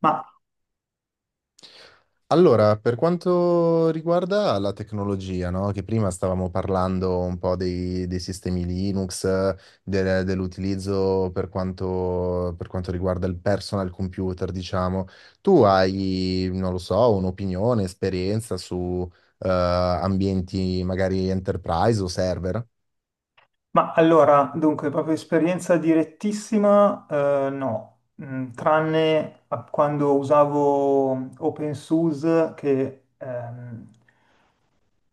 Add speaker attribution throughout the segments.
Speaker 1: Ma,
Speaker 2: Allora, per quanto riguarda la tecnologia, no? Che prima stavamo parlando un po' dei sistemi Linux, dell'utilizzo per quanto riguarda il personal computer, diciamo. Tu hai, non lo so, un'opinione, esperienza su ambienti magari enterprise o server?
Speaker 1: ma allora, dunque, proprio esperienza direttissima, no, tranne a quando usavo OpenSUSE che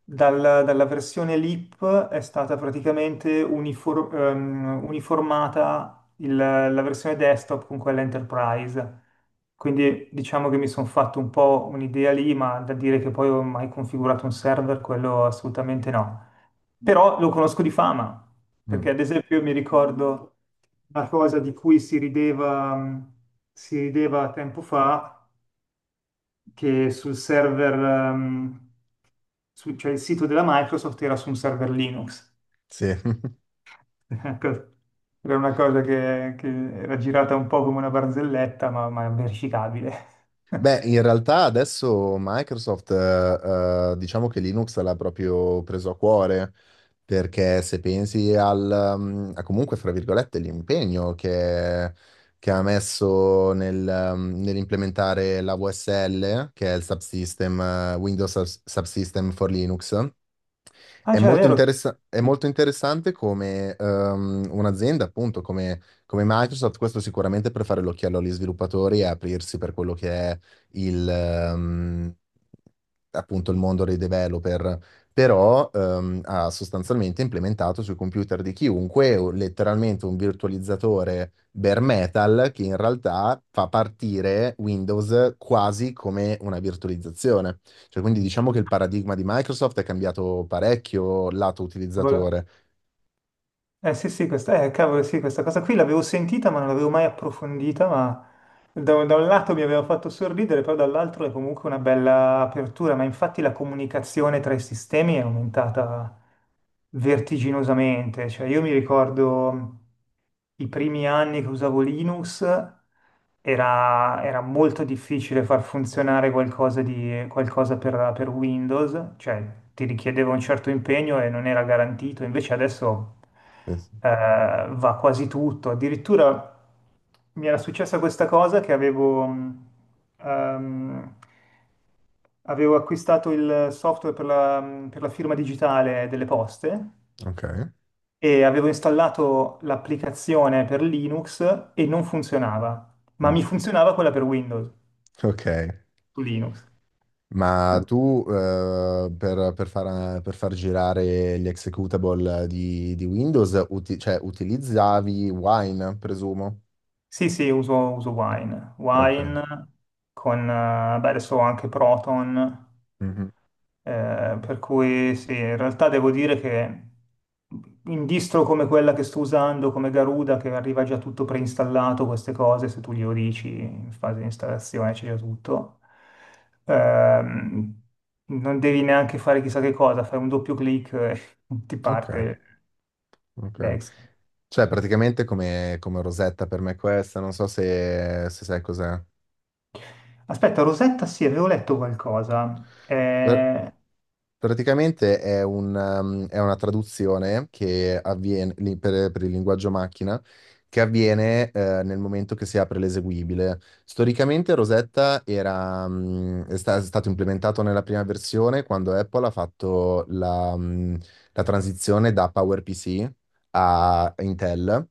Speaker 1: Dalla versione LIP è stata praticamente uniformata la versione desktop con quella Enterprise. Quindi diciamo che mi sono fatto un po' un'idea lì, ma da dire che poi ho mai configurato un server, quello assolutamente no. Però lo conosco di fama,
Speaker 2: Mm,
Speaker 1: perché ad esempio mi ricordo una cosa di cui si rideva tempo fa, che sul server cioè il sito della Microsoft era su un server Linux.
Speaker 2: sì.
Speaker 1: Ecco, era una cosa che era girata un po' come una barzelletta, ma verificabile.
Speaker 2: Beh, in realtà adesso Microsoft, diciamo che Linux l'ha proprio preso a cuore, perché se pensi a comunque, fra virgolette, l'impegno che ha messo nell'implementare la VSL, che è il subsystem, Subsystem for Linux,
Speaker 1: Ah, cioè, è vero.
Speaker 2: è molto interessante come un'azienda, appunto, come Microsoft, questo sicuramente per fare l'occhiello agli sviluppatori e aprirsi per quello che è il, ehm, il mondo dei developer, però ha sostanzialmente implementato sui computer di chiunque letteralmente un virtualizzatore bare metal che in realtà fa partire Windows quasi come una virtualizzazione. Cioè, quindi diciamo che il paradigma di Microsoft è cambiato parecchio lato
Speaker 1: Vole-
Speaker 2: utilizzatore.
Speaker 1: Eh sì, sì, questa, cavolo, sì, questa cosa qui l'avevo sentita, ma non l'avevo mai approfondita, ma da un lato mi aveva fatto sorridere, però dall'altro è comunque una bella apertura, ma infatti la comunicazione tra i sistemi è aumentata vertiginosamente. Cioè, io mi ricordo, i primi anni che usavo Linux era molto difficile far funzionare qualcosa per Windows, cioè ti richiedeva un certo impegno e non era garantito, invece adesso
Speaker 2: Eh,
Speaker 1: eh, va quasi tutto. Addirittura mi era successa questa cosa che ehm, Avevo acquistato il software per la firma digitale delle poste,
Speaker 2: Ok.
Speaker 1: e avevo installato l'applicazione per Linux e non funzionava, ma
Speaker 2: Mm.
Speaker 1: mi funzionava quella per Windows
Speaker 2: Ok.
Speaker 1: su Linux.
Speaker 2: Ma tu per far girare gli executable di Windows, cioè, utilizzavi Wine, presumo?
Speaker 1: Sì, sì, uso Wine.
Speaker 2: Ok.
Speaker 1: Wine con, beh, adesso ho anche Proton.
Speaker 2: Mhm.
Speaker 1: Per cui sì, in realtà devo dire che in distro come quella che sto usando, come Garuda, che arriva già tutto preinstallato, queste cose, se tu glielo dici in fase di installazione c'è già tutto. Ehm, Non devi neanche fare chissà che cosa, fai un doppio clic e ti
Speaker 2: Ok.
Speaker 1: parte
Speaker 2: Ok.
Speaker 1: l'ex.
Speaker 2: Cioè, praticamente come Rosetta per me questa, non so se sai cos'è.
Speaker 1: Aspetta, Rosetta, sì, avevo letto qualcosa.
Speaker 2: Eh, Praticamente è è una traduzione che avviene per il linguaggio macchina che avviene nel momento che si apre l'eseguibile. Storicamente Rosetta era, mm, è, sta- è stato implementato nella prima versione quando Apple ha fatto la transizione da PowerPC a Intel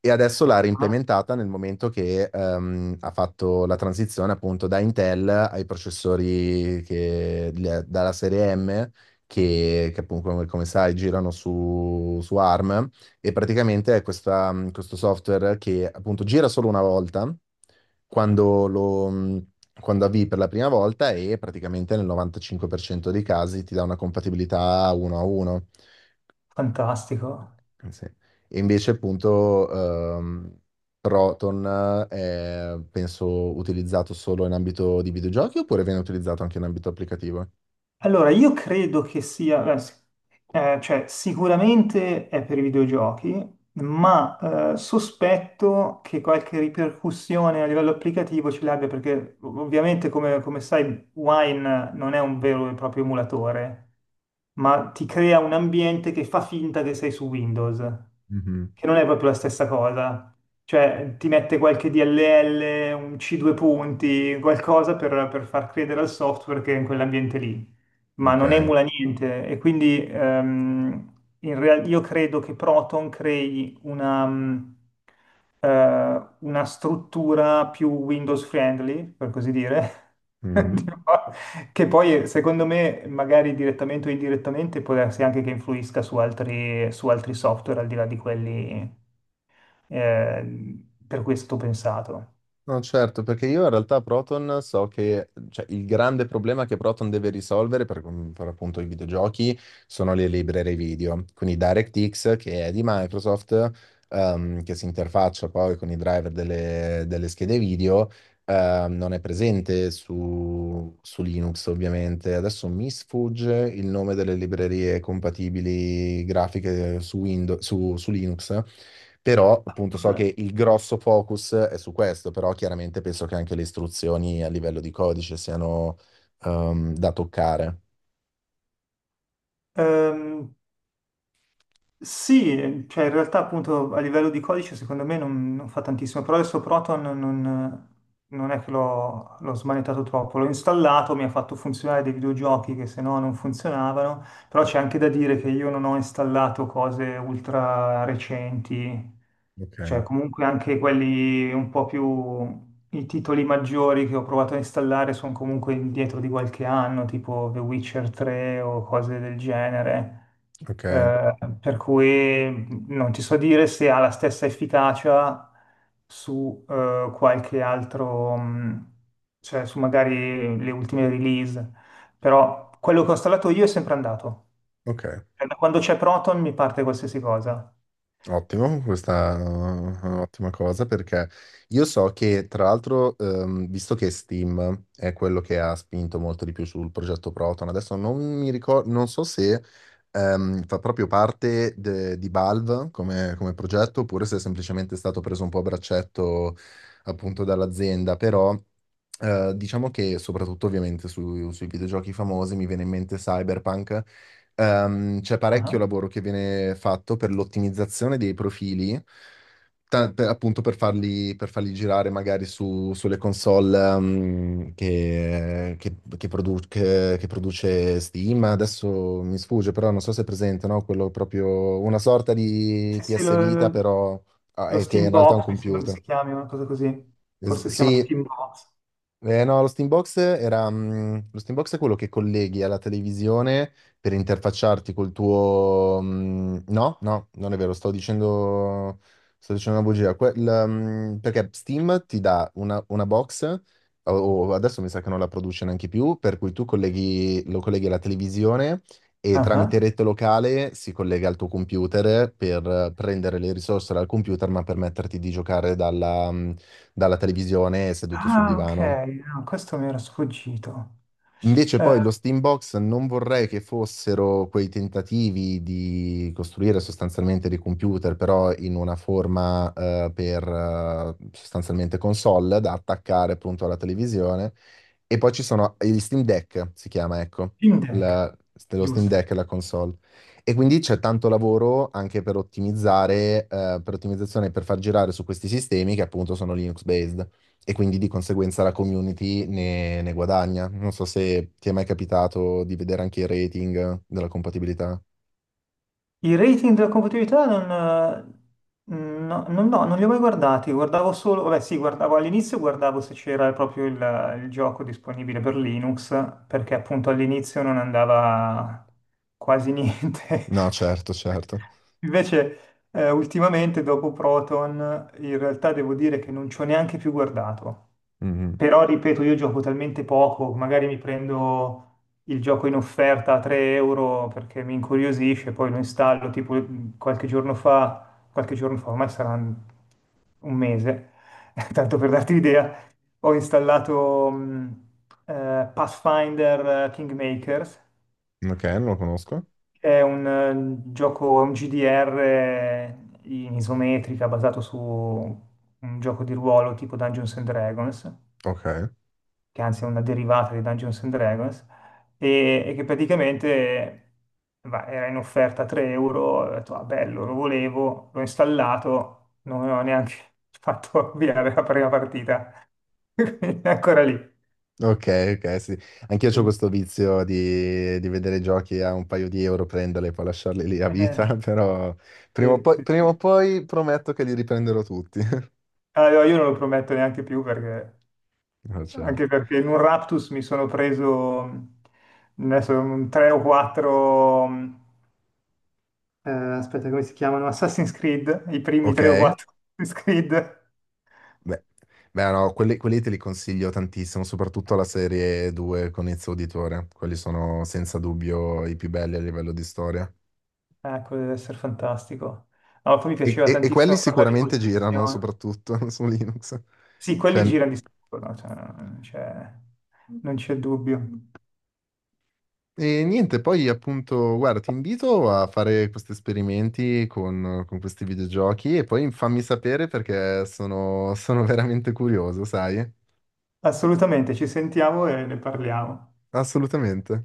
Speaker 2: e adesso l'ha
Speaker 1: Ah,
Speaker 2: reimplementata nel momento che ha fatto la transizione appunto da Intel ai processori dalla serie M, che appunto come sai girano su ARM, e praticamente è questo software che appunto gira solo una volta quando lo, mh, quando avvii per la prima volta e praticamente nel 95% dei casi ti dà una compatibilità 1 a 1.
Speaker 1: fantastico.
Speaker 2: Sì. E invece appunto ehm, Proton è penso utilizzato solo in ambito di videogiochi oppure viene utilizzato anche in ambito applicativo?
Speaker 1: Allora, io credo che sia, cioè sicuramente è per i videogiochi, ma sospetto che qualche ripercussione a livello applicativo ce l'abbia, perché ovviamente, come sai, Wine non è un vero e proprio emulatore, ma ti crea un ambiente che fa finta che sei su Windows,
Speaker 2: Mhm,
Speaker 1: che non è proprio la stessa cosa. Cioè, ti mette qualche DLL, un C2 punti, qualcosa per far credere al software che è in quell'ambiente lì, ma non
Speaker 2: ok.
Speaker 1: emula niente. E quindi io credo che Proton crei una struttura più Windows friendly, per così dire, di-
Speaker 2: Mhm.
Speaker 1: che poi, secondo me, magari direttamente o indirettamente, può darsi anche che influisca su altri software, al di là di quelli eh, per cui è stato pensato.
Speaker 2: No, certo, perché io in realtà Proton so che cioè, il grande problema che Proton deve risolvere per appunto i videogiochi sono le librerie video, quindi DirectX che è di Microsoft, che si interfaccia poi con i driver delle schede video, non è presente su Linux ovviamente. Adesso mi sfugge il nome delle librerie compatibili grafiche su Windows, su Linux. Però appunto so che il grosso focus è su questo, però chiaramente penso che anche le istruzioni a livello di codice siano da toccare.
Speaker 1: Ehm, sì, cioè in realtà appunto a livello di codice secondo me non fa tantissimo, però adesso Proton non è che l'ho smanettato troppo, l'ho installato, mi ha fatto funzionare dei videogiochi che se no non funzionavano. Però c'è anche da dire che io non ho installato cose ultra recenti,
Speaker 2: Ok,
Speaker 1: cioè comunque anche quelli un po' più, i titoli maggiori che ho provato a installare sono comunque indietro di qualche anno, tipo The Witcher 3 o cose del genere.
Speaker 2: ok,
Speaker 1: Per cui non ti so dire se ha la stessa efficacia su qualche altro, cioè su magari le ultime release, però quello che ho installato io è sempre andato.
Speaker 2: ok.
Speaker 1: Cioè, da quando c'è Proton mi parte qualsiasi cosa.
Speaker 2: Ottimo, questa è un'ottima cosa perché io so che tra l'altro, visto che Steam è quello che ha spinto molto di più sul progetto Proton, adesso non mi ricordo, non so se fa proprio parte di Valve come progetto oppure se è semplicemente stato preso un po' a braccetto appunto dall'azienda, però diciamo che soprattutto ovviamente sui videogiochi famosi mi viene in mente Cyberpunk. C'è parecchio
Speaker 1: Ah.
Speaker 2: lavoro che viene fatto per l'ottimizzazione dei profili, appunto per farli girare magari sulle console, che produce Steam. Adesso mi sfugge, però non so se è presente, no? Quello proprio una sorta di
Speaker 1: Sì, sì,
Speaker 2: PS Vita,
Speaker 1: lo,
Speaker 2: però ah,
Speaker 1: lo
Speaker 2: è che in
Speaker 1: Steam
Speaker 2: realtà è un
Speaker 1: Box mi sembra che
Speaker 2: computer.
Speaker 1: si chiami una cosa così. Forse si chiama
Speaker 2: Sì,
Speaker 1: Steam Box.
Speaker 2: no, lo Steambox è quello che colleghi alla televisione per interfacciarti col tuo. No, no, non è vero, sto dicendo una bugia. Perché Steam ti dà una box, o adesso mi sa che non la produce neanche più, per cui tu colleghi, lo colleghi alla televisione e tramite
Speaker 1: Ah,
Speaker 2: rete locale si collega al tuo computer per prendere le risorse dal computer, ma permetterti di giocare dalla televisione seduto sul
Speaker 1: ah, ok,
Speaker 2: divano.
Speaker 1: no, questo mi era sfuggito.
Speaker 2: Invece
Speaker 1: Eh,
Speaker 2: poi lo Steambox non vorrei che fossero quei tentativi di costruire sostanzialmente dei computer, però in una forma per sostanzialmente console da attaccare appunto alla televisione e poi ci sono gli Steam Deck, si chiama, ecco,
Speaker 1: Steam Deck,
Speaker 2: la- lo Steam
Speaker 1: giusto.
Speaker 2: Deck è la console. E quindi c'è tanto lavoro anche per ottimizzare, per ottimizzazione, per far girare su questi sistemi che appunto sono Linux-based. E quindi di conseguenza la community ne guadagna. Non so se ti è mai capitato di vedere anche il rating della compatibilità.
Speaker 1: I rating della compatibilità non, no, non, no, non li ho mai guardati, guardavo solo, vabbè sì, guardavo all'inizio, guardavo se c'era proprio il gioco disponibile per Linux, perché appunto all'inizio non andava quasi niente.
Speaker 2: No, certo, certo.
Speaker 1: Invece ultimamente dopo Proton in realtà devo dire che non ci ho neanche più guardato.
Speaker 2: Mhm.
Speaker 1: Però ripeto, io gioco talmente poco, magari mi prendo il gioco in offerta a 3 euro perché mi incuriosisce, poi lo installo, tipo qualche giorno fa, ormai sarà un mese, tanto per darti l'idea, ho installato Pathfinder Kingmakers,
Speaker 2: Ok, non lo conosco.
Speaker 1: che è un gioco, è un GDR in isometrica basato su un gioco di ruolo tipo Dungeons and Dragons,
Speaker 2: Ok.
Speaker 1: che anzi è una derivata di Dungeons and Dragons, e che praticamente era in offerta a 3 euro, ho detto, ah, bello, lo volevo, l'ho installato, non ho neanche fatto avviare la prima partita, quindi è ancora lì.
Speaker 2: Ok, ok, sì. Anch'io ho
Speaker 1: Quindi,
Speaker 2: questo vizio di vedere giochi a un paio di euro, prenderli e poi lasciarli lì a
Speaker 1: eh,
Speaker 2: vita, però
Speaker 1: sì, sì,
Speaker 2: prima
Speaker 1: sì.
Speaker 2: o poi prometto che li riprenderò tutti.
Speaker 1: Allora, io non lo prometto neanche più perché.
Speaker 2: No,
Speaker 1: Anche
Speaker 2: certo.
Speaker 1: perché in un Raptus mi sono preso adesso, tre o quattro eh, aspetta, come si chiamano? Assassin's Creed, i primi
Speaker 2: Ok,
Speaker 1: tre o quattro Assassin's Creed.
Speaker 2: beh, beh, no, quelli te li consiglio tantissimo, soprattutto la serie 2 con Ezio Auditore. Quelli sono senza dubbio i più belli a livello di storia.
Speaker 1: Ah, quello deve essere fantastico. No, poi mi
Speaker 2: E,
Speaker 1: piaceva
Speaker 2: e- e quelli
Speaker 1: tantissimo parlare di
Speaker 2: sicuramente girano,
Speaker 1: coltivazione.
Speaker 2: soprattutto su Linux.
Speaker 1: Sì, quelli
Speaker 2: Cioè.
Speaker 1: girano di sicuro, no? Cioè, non c'è dubbio.
Speaker 2: E niente, poi appunto, guarda, ti invito a fare questi esperimenti con questi videogiochi e poi fammi sapere perché sono veramente curioso, sai?
Speaker 1: Assolutamente, ci sentiamo e ne parliamo.
Speaker 2: Assolutamente.